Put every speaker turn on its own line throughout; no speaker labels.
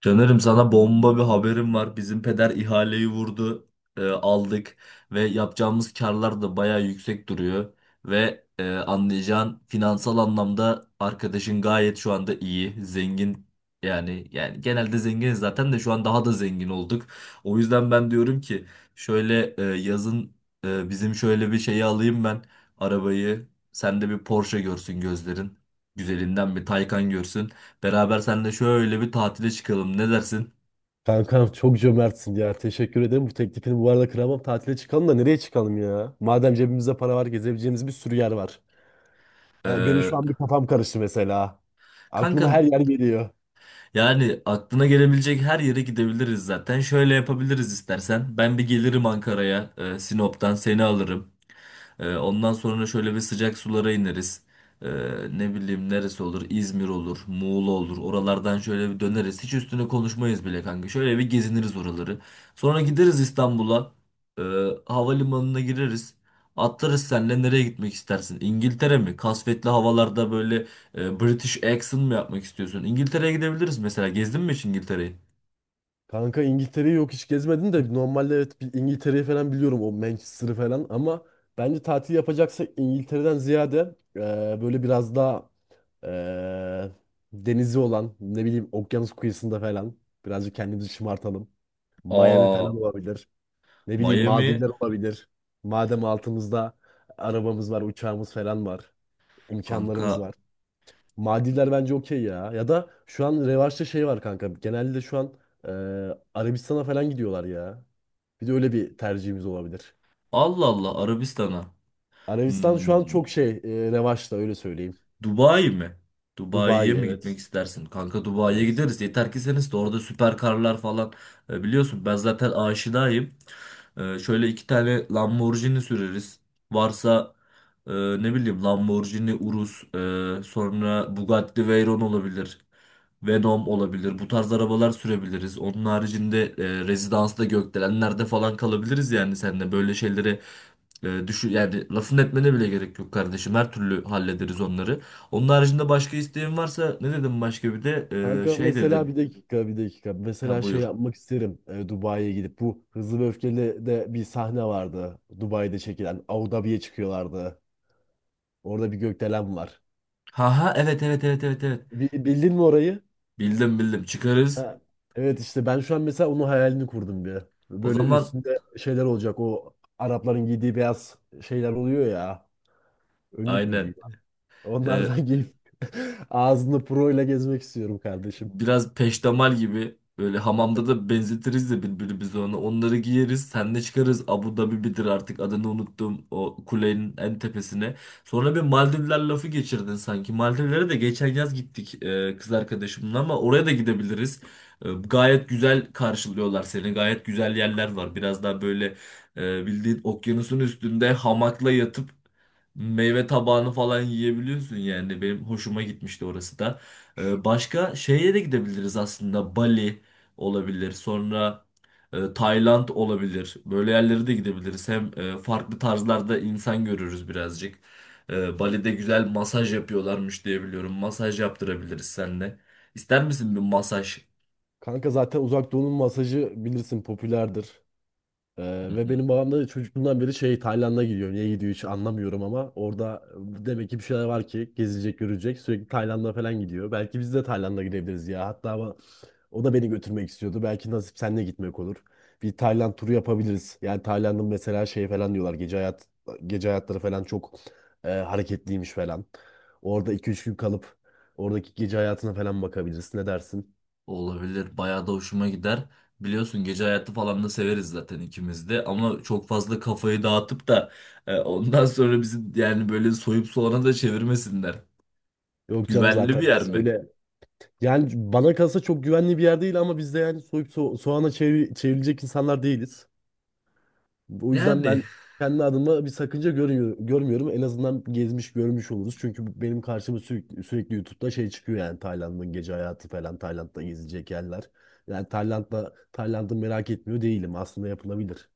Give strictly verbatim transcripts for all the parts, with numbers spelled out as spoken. Canırım sana bomba bir haberim var. Bizim peder ihaleyi vurdu, e, aldık ve yapacağımız karlar da bayağı yüksek duruyor. Ve e, anlayacağın finansal anlamda arkadaşın gayet şu anda iyi, zengin, yani yani genelde zenginiz zaten de şu an daha da zengin olduk. O yüzden ben diyorum ki şöyle, e, yazın, e, bizim şöyle bir şeyi alayım ben, arabayı. Sen de bir Porsche görsün gözlerin. Güzelinden bir Taycan görsün. Beraber seninle şöyle bir tatile çıkalım. Ne dersin?
Kankam çok cömertsin ya. Teşekkür ederim. Bu teklifini bu arada kıramam. Tatile çıkalım da nereye çıkalım ya? Madem cebimizde para var, gezebileceğimiz bir sürü yer var. Ha, benim
Ee,
şu an bir kafam karıştı mesela. Aklıma her
kankan,
yer geliyor.
yani aklına gelebilecek her yere gidebiliriz zaten. Şöyle yapabiliriz istersen. Ben bir gelirim Ankara'ya, e, Sinop'tan seni alırım. Ee, ondan sonra şöyle bir sıcak sulara ineriz. Ee, ne bileyim neresi olur? İzmir olur, Muğla olur. Oralardan şöyle bir döneriz. Hiç üstüne konuşmayız bile kanka. Şöyle bir geziniriz oraları. Sonra gideriz İstanbul'a. Ee, havalimanına gireriz. Atlarız senle, nereye gitmek istersin? İngiltere mi? Kasvetli havalarda böyle e, British accent mı yapmak istiyorsun? İngiltere'ye gidebiliriz mesela. Gezdin mi hiç İngiltere'yi?
Kanka İngiltere'yi yok hiç gezmedim de normalde evet bir İngiltere'yi falan biliyorum o Manchester'ı falan ama bence tatil yapacaksak İngiltere'den ziyade e, böyle biraz daha e, denizi olan ne bileyim okyanus kıyısında falan birazcık kendimizi şımartalım. Miami
Aa,
falan olabilir. Ne bileyim
Miami.
Maldivler olabilir. Madem altımızda arabamız var, uçağımız falan var.
Kanka
İmkanlarımız var. Maldivler bence okey ya. Ya da şu an revaçta şey var kanka. Genelde şu an e, Arabistan'a falan gidiyorlar ya. Bir de öyle bir tercihimiz olabilir.
Allah Allah Arabistan'a.
Arabistan şu an
Hmm.
çok şey e, revaçta, öyle söyleyeyim.
Dubai mi? Dubai'ye
Dubai,
mi gitmek
evet.
istersin? Kanka Dubai'ye
Evet.
gideriz. Yeter ki seniz de orada süper karlar falan. E, biliyorsun ben zaten aşinayım. E, şöyle iki tane Lamborghini süreriz. Varsa e, ne bileyim Lamborghini Urus. e, sonra Bugatti Veyron olabilir. Venom olabilir. Bu tarz arabalar sürebiliriz. Onun haricinde e, rezidansta, gökdelenlerde falan kalabiliriz yani seninle. Böyle şeyleri e, düşün, yani lafın etmene bile gerek yok kardeşim. Her türlü hallederiz onları. Onun haricinde başka isteğin varsa ne dedim başka bir de... Ee,
Kanka
şey dedin.
mesela bir dakika, bir dakika.
Ha
Mesela şey
buyur.
yapmak isterim e, Dubai'ye gidip. Bu Hızlı ve Öfkeli de bir sahne vardı. Dubai'de çekilen. Abu Dhabi'ye çıkıyorlardı. Orada bir gökdelen var.
Ha ha, evet evet evet evet evet.
Bi- bildin mi orayı?
Bildim bildim, çıkarız.
Ha. Evet, işte ben şu an mesela onun hayalini kurdum bir.
O
Böyle
zaman
üstünde şeyler olacak. O Arapların giydiği beyaz şeyler oluyor ya. Önlük mü
aynen.
diyeyim?
Ee,
Onlardan giyip ağzında pro ile gezmek istiyorum kardeşim.
biraz peştemal gibi böyle hamamda da benzetiriz de birbirimize onu. Onları giyeriz, senle çıkarız. Abu Dhabi bidir artık, adını unuttum, o kulenin en tepesine. Sonra bir Maldivler lafı geçirdin sanki. Maldivlere de geçen yaz gittik, e, kız arkadaşımla, ama oraya da gidebiliriz. E, gayet güzel karşılıyorlar seni. Gayet güzel yerler var. Biraz daha böyle e, bildiğin okyanusun üstünde hamakla yatıp meyve tabağını falan yiyebiliyorsun yani. Benim hoşuma gitmişti orası da. Ee, başka şeye de gidebiliriz aslında. Bali olabilir. Sonra e, Tayland olabilir. Böyle yerlere de gidebiliriz. Hem e, farklı tarzlarda insan görürüz birazcık. Ee, Bali'de güzel masaj yapıyorlarmış diye biliyorum. Masaj yaptırabiliriz seninle. İster misin bir masaj?
Kanka zaten Uzak Doğu'nun masajı bilirsin, popülerdir. Ee, ve benim babam da çocukluğundan beri şey, Tayland'a gidiyor. Niye gidiyor hiç anlamıyorum ama orada demek ki bir şeyler var ki gezilecek, görecek. Sürekli Tayland'a falan gidiyor. Belki biz de Tayland'a gidebiliriz ya. Hatta ama o da beni götürmek istiyordu. Belki nasip seninle gitmek olur. Bir Tayland turu yapabiliriz. Yani Tayland'ın mesela şey falan diyorlar. Gece hayat gece hayatları falan çok e, hareketliymiş falan. Orada iki üç gün kalıp oradaki gece hayatına falan bakabiliriz. Ne dersin?
Olabilir. Bayağı da hoşuma gider. Biliyorsun gece hayatı falan da severiz zaten ikimiz de. Ama çok fazla kafayı dağıtıp da e, ondan sonra bizi yani böyle soyup soğana da çevirmesinler.
Yok canım,
Güvenli bir
zaten
yer
biz
mi?
öyle. Yani bana kalsa çok güvenli bir yer değil ama biz de yani soyup so- soğana çevir- çevrilecek insanlar değiliz. O yüzden
Yani.
ben kendi adıma bir sakınca görmüyorum, görmüyorum. En azından gezmiş görmüş oluruz. Çünkü benim karşıma sürekli, sürekli YouTube'da şey çıkıyor, yani Tayland'ın gece hayatı falan, Tayland'da gezilecek yerler. Yani Tayland'da, Tayland'ı merak etmiyor değilim. Aslında yapılabilir.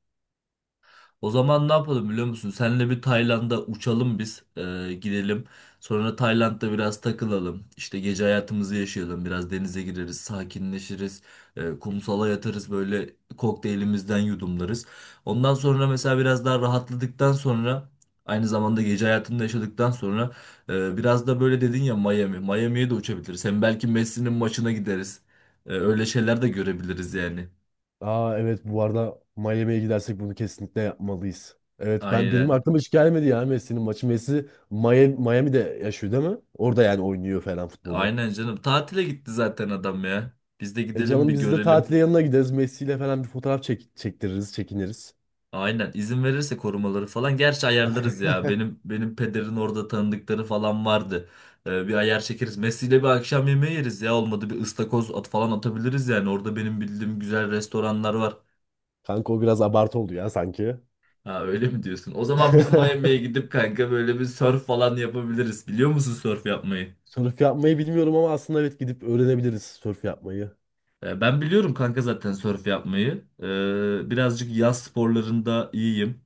O zaman ne yapalım biliyor musun? Senle bir Tayland'a uçalım biz. Ee, gidelim. Sonra Tayland'da biraz takılalım. İşte gece hayatımızı yaşayalım. Biraz denize gireriz, sakinleşiriz. Ee, kumsala yatarız, böyle kokteylimizden yudumlarız. Ondan sonra mesela biraz daha rahatladıktan sonra, aynı zamanda gece hayatında yaşadıktan sonra e, biraz da böyle dedin ya, Miami. Miami'ye de uçabiliriz. Hem belki Messi'nin maçına gideriz. Ee, öyle şeyler de görebiliriz yani.
Aa, evet, bu arada Miami'ye gidersek bunu kesinlikle yapmalıyız. Evet, ben, benim
Aynen.
aklıma hiç gelmedi ya, Messi'nin maçı. Messi Miami, Miami'de yaşıyor değil mi? Orada yani oynuyor falan futbolu.
Aynen canım. Tatile gitti zaten adam ya. Biz de
E
gidelim bir
canım, biz de
görelim.
tatile yanına gideriz. Messi ile falan bir fotoğraf çek çektiririz, çekiniriz.
Aynen, izin verirse korumaları falan. Gerçi ayarlarız ya. Benim benim pederin orada tanıdıkları falan vardı. Ee, bir ayar çekeriz. Messi'yle bir akşam yemeği yeriz ya. Olmadı bir ıstakoz at falan atabiliriz yani. Orada benim bildiğim güzel restoranlar var.
Kanka o biraz abartı oldu ya sanki.
Ha, öyle mi diyorsun? O zaman biz Miami'ye gidip kanka böyle bir surf falan yapabiliriz. Biliyor musun surf yapmayı?
Sörf yapmayı bilmiyorum ama aslında evet, gidip öğrenebiliriz sörf yapmayı.
E, ben biliyorum kanka zaten sörf yapmayı. E, birazcık yaz sporlarında iyiyim.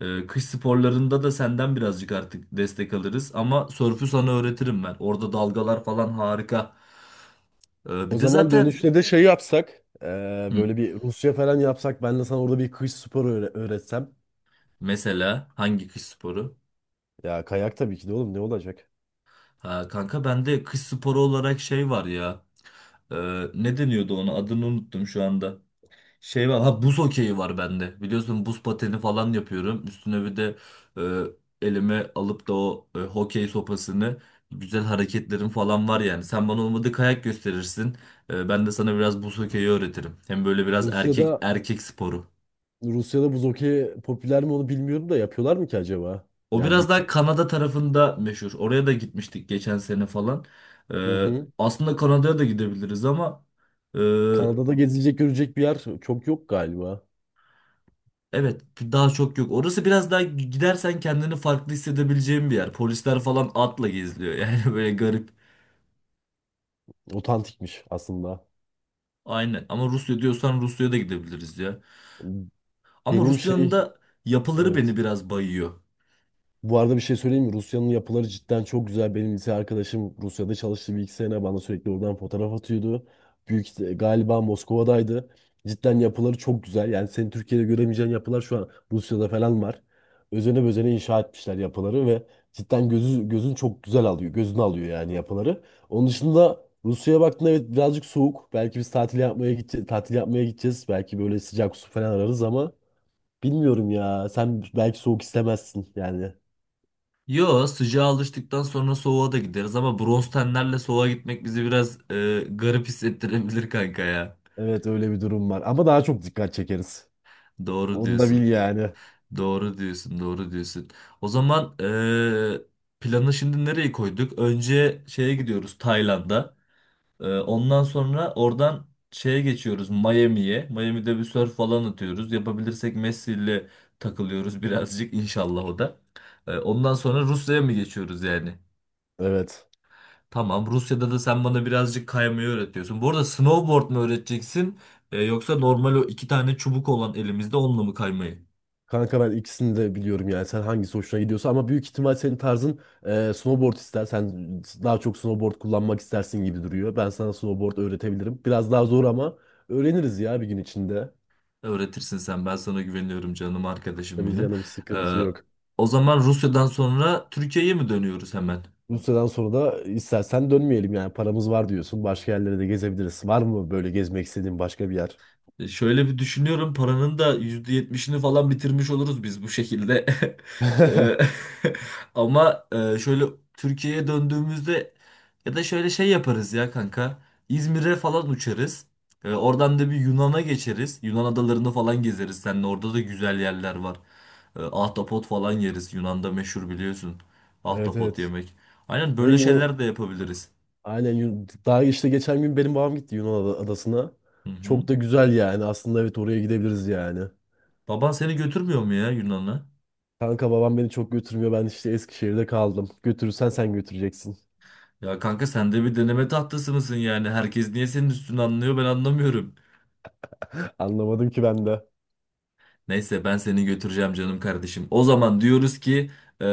E, kış sporlarında da senden birazcık artık destek alırız. Ama sörfü sana öğretirim ben. Orada dalgalar falan harika. E,
O
bir de
zaman
zaten
dönüşte de şey yapsak, e,
hı,
böyle bir Rusya falan yapsak, ben de sana orada bir kış sporu öğre- öğretsem.
mesela hangi kış sporu?
Ya kayak, tabii ki de oğlum, ne olacak?
Ha, kanka bende kış sporu olarak şey var ya. E, ne deniyordu ona? Adını unuttum şu anda. Şey var, ha, buz hokeyi var bende. Biliyorsun buz pateni falan yapıyorum. Üstüne bir de e, elime alıp da o e, hokey sopasını, güzel hareketlerim falan var yani. Sen bana olmadı kayak gösterirsin. E, ben de sana biraz buz hokeyi öğretirim. Hem böyle biraz erkek
Rusya'da
erkek sporu.
Rusya'da buz hokeyi popüler mi onu bilmiyorum da, yapıyorlar mı ki acaba?
O
Yani
biraz daha
gitsek.
Kanada tarafında meşhur. Oraya da gitmiştik geçen sene falan.
Hı
E,
hı.
aslında Kanada'ya da gidebiliriz ama e,
Kanada'da gezilecek görecek bir yer çok yok galiba.
evet daha çok yok. Orası biraz daha gidersen kendini farklı hissedebileceğin bir yer. Polisler falan atla geziliyor yani böyle garip.
Otantikmiş aslında.
Aynen, ama Rusya diyorsan Rusya'ya da gidebiliriz ya. Ama
Benim
Rusya'nın
şey,
da yapıları beni
evet.
biraz bayıyor.
Bu arada bir şey söyleyeyim mi? Rusya'nın yapıları cidden çok güzel. Benim lise arkadaşım Rusya'da çalıştı bir iki sene. Bana sürekli oradan fotoğraf atıyordu. Büyük ihti- galiba Moskova'daydı. Cidden yapıları çok güzel. Yani senin Türkiye'de göremeyeceğin yapılar şu an Rusya'da falan var. Özene bezene inşa etmişler yapıları ve cidden gözü, gözün çok güzel alıyor. Gözünü alıyor yani yapıları. Onun dışında Rusya'ya baktığında evet birazcık soğuk. Belki biz tatil yapmaya gideceğiz, tatil yapmaya gideceğiz. Belki böyle sıcak su falan ararız ama bilmiyorum ya. Sen belki soğuk istemezsin yani.
Yo, sıcağa alıştıktan sonra soğuğa da gideriz ama bronz tenlerle soğuğa gitmek bizi biraz e, garip hissettirebilir kanka ya.
Evet, öyle bir durum var. Ama daha çok dikkat çekeriz.
Doğru
Onu da
diyorsun.
bil yani.
Doğru diyorsun. Doğru diyorsun. O zaman e, planı şimdi nereye koyduk? Önce şeye gidiyoruz, Tayland'a. Ee, ondan sonra oradan şeye geçiyoruz, Miami'ye. Miami'de bir surf falan atıyoruz. Yapabilirsek Messi ile takılıyoruz birazcık inşallah o da. Ee, ondan sonra Rusya'ya mı geçiyoruz yani?
Evet.
Tamam, Rusya'da da sen bana birazcık kaymayı öğretiyorsun. Bu arada snowboard mu öğreteceksin, Ee, yoksa normal o iki tane çubuk olan elimizde, onunla mı kaymayı
Kanka ben ikisini de biliyorum yani. Sen hangisi hoşuna gidiyorsa, ama büyük ihtimal senin tarzın e, snowboard ister. Sen daha çok snowboard kullanmak istersin gibi duruyor. Ben sana snowboard öğretebilirim. Biraz daha zor ama öğreniriz ya bir gün içinde.
öğretirsin sen? Ben sana güveniyorum canım arkadaşım
Tabii
benim.
canım, sıkıntı
Ee,
yok.
o zaman Rusya'dan sonra Türkiye'ye mi dönüyoruz hemen?
Bu süreden sonra da istersen dönmeyelim yani. Paramız var diyorsun. Başka yerlere de gezebiliriz. Var mı böyle gezmek istediğin başka bir yer?
E, şöyle bir düşünüyorum, paranın da yüzde yetmişini falan bitirmiş oluruz biz bu şekilde. E, ama e, şöyle Türkiye'ye döndüğümüzde, ya da şöyle şey yaparız ya kanka. İzmir'e falan uçarız. E, oradan da bir Yunan'a geçeriz. Yunan adalarını falan gezeriz. Seninle orada da güzel yerler var. E, ahtapot falan yeriz. Yunan'da meşhur biliyorsun.
Evet,
Ahtapot
evet.
yemek. Aynen,
Ve
böyle
Yunan,
şeyler de yapabiliriz.
Aynen Yun- Daha işte geçen gün benim babam gitti Yunan ada- adasına.
Hı hı.
Çok da güzel yani. Aslında evet, oraya gidebiliriz yani.
Baban seni götürmüyor mu ya Yunan'a?
Kanka babam beni çok götürmüyor. Ben işte Eskişehir'de kaldım. Götürürsen sen götüreceksin.
Ya kanka sen de bir deneme tahtası mısın yani? Herkes niye senin üstünü anlıyor ben anlamıyorum.
Anlamadım ki ben de.
Neyse, ben seni götüreceğim canım kardeşim. O zaman diyoruz ki e,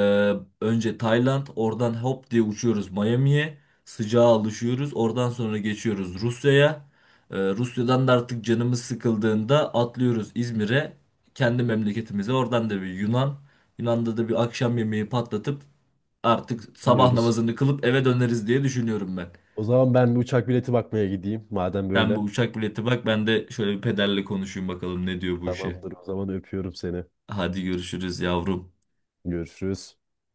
önce Tayland, oradan hop diye uçuyoruz Miami'ye. Sıcağa alışıyoruz. Oradan sonra geçiyoruz Rusya'ya. E, Rusya'dan da artık canımız sıkıldığında atlıyoruz İzmir'e. Kendi memleketimize, oradan da bir Yunan. Yunan'da da bir akşam yemeği patlatıp artık sabah
Anlıyoruz.
namazını kılıp eve döneriz diye düşünüyorum ben.
O zaman ben bir uçak bileti bakmaya gideyim. Madem
Sen bu
böyle.
uçak bileti bak, ben de şöyle bir pederle konuşayım bakalım ne diyor bu işe.
Tamamdır, o zaman öpüyorum seni.
Hadi görüşürüz yavrum.
Görüşürüz.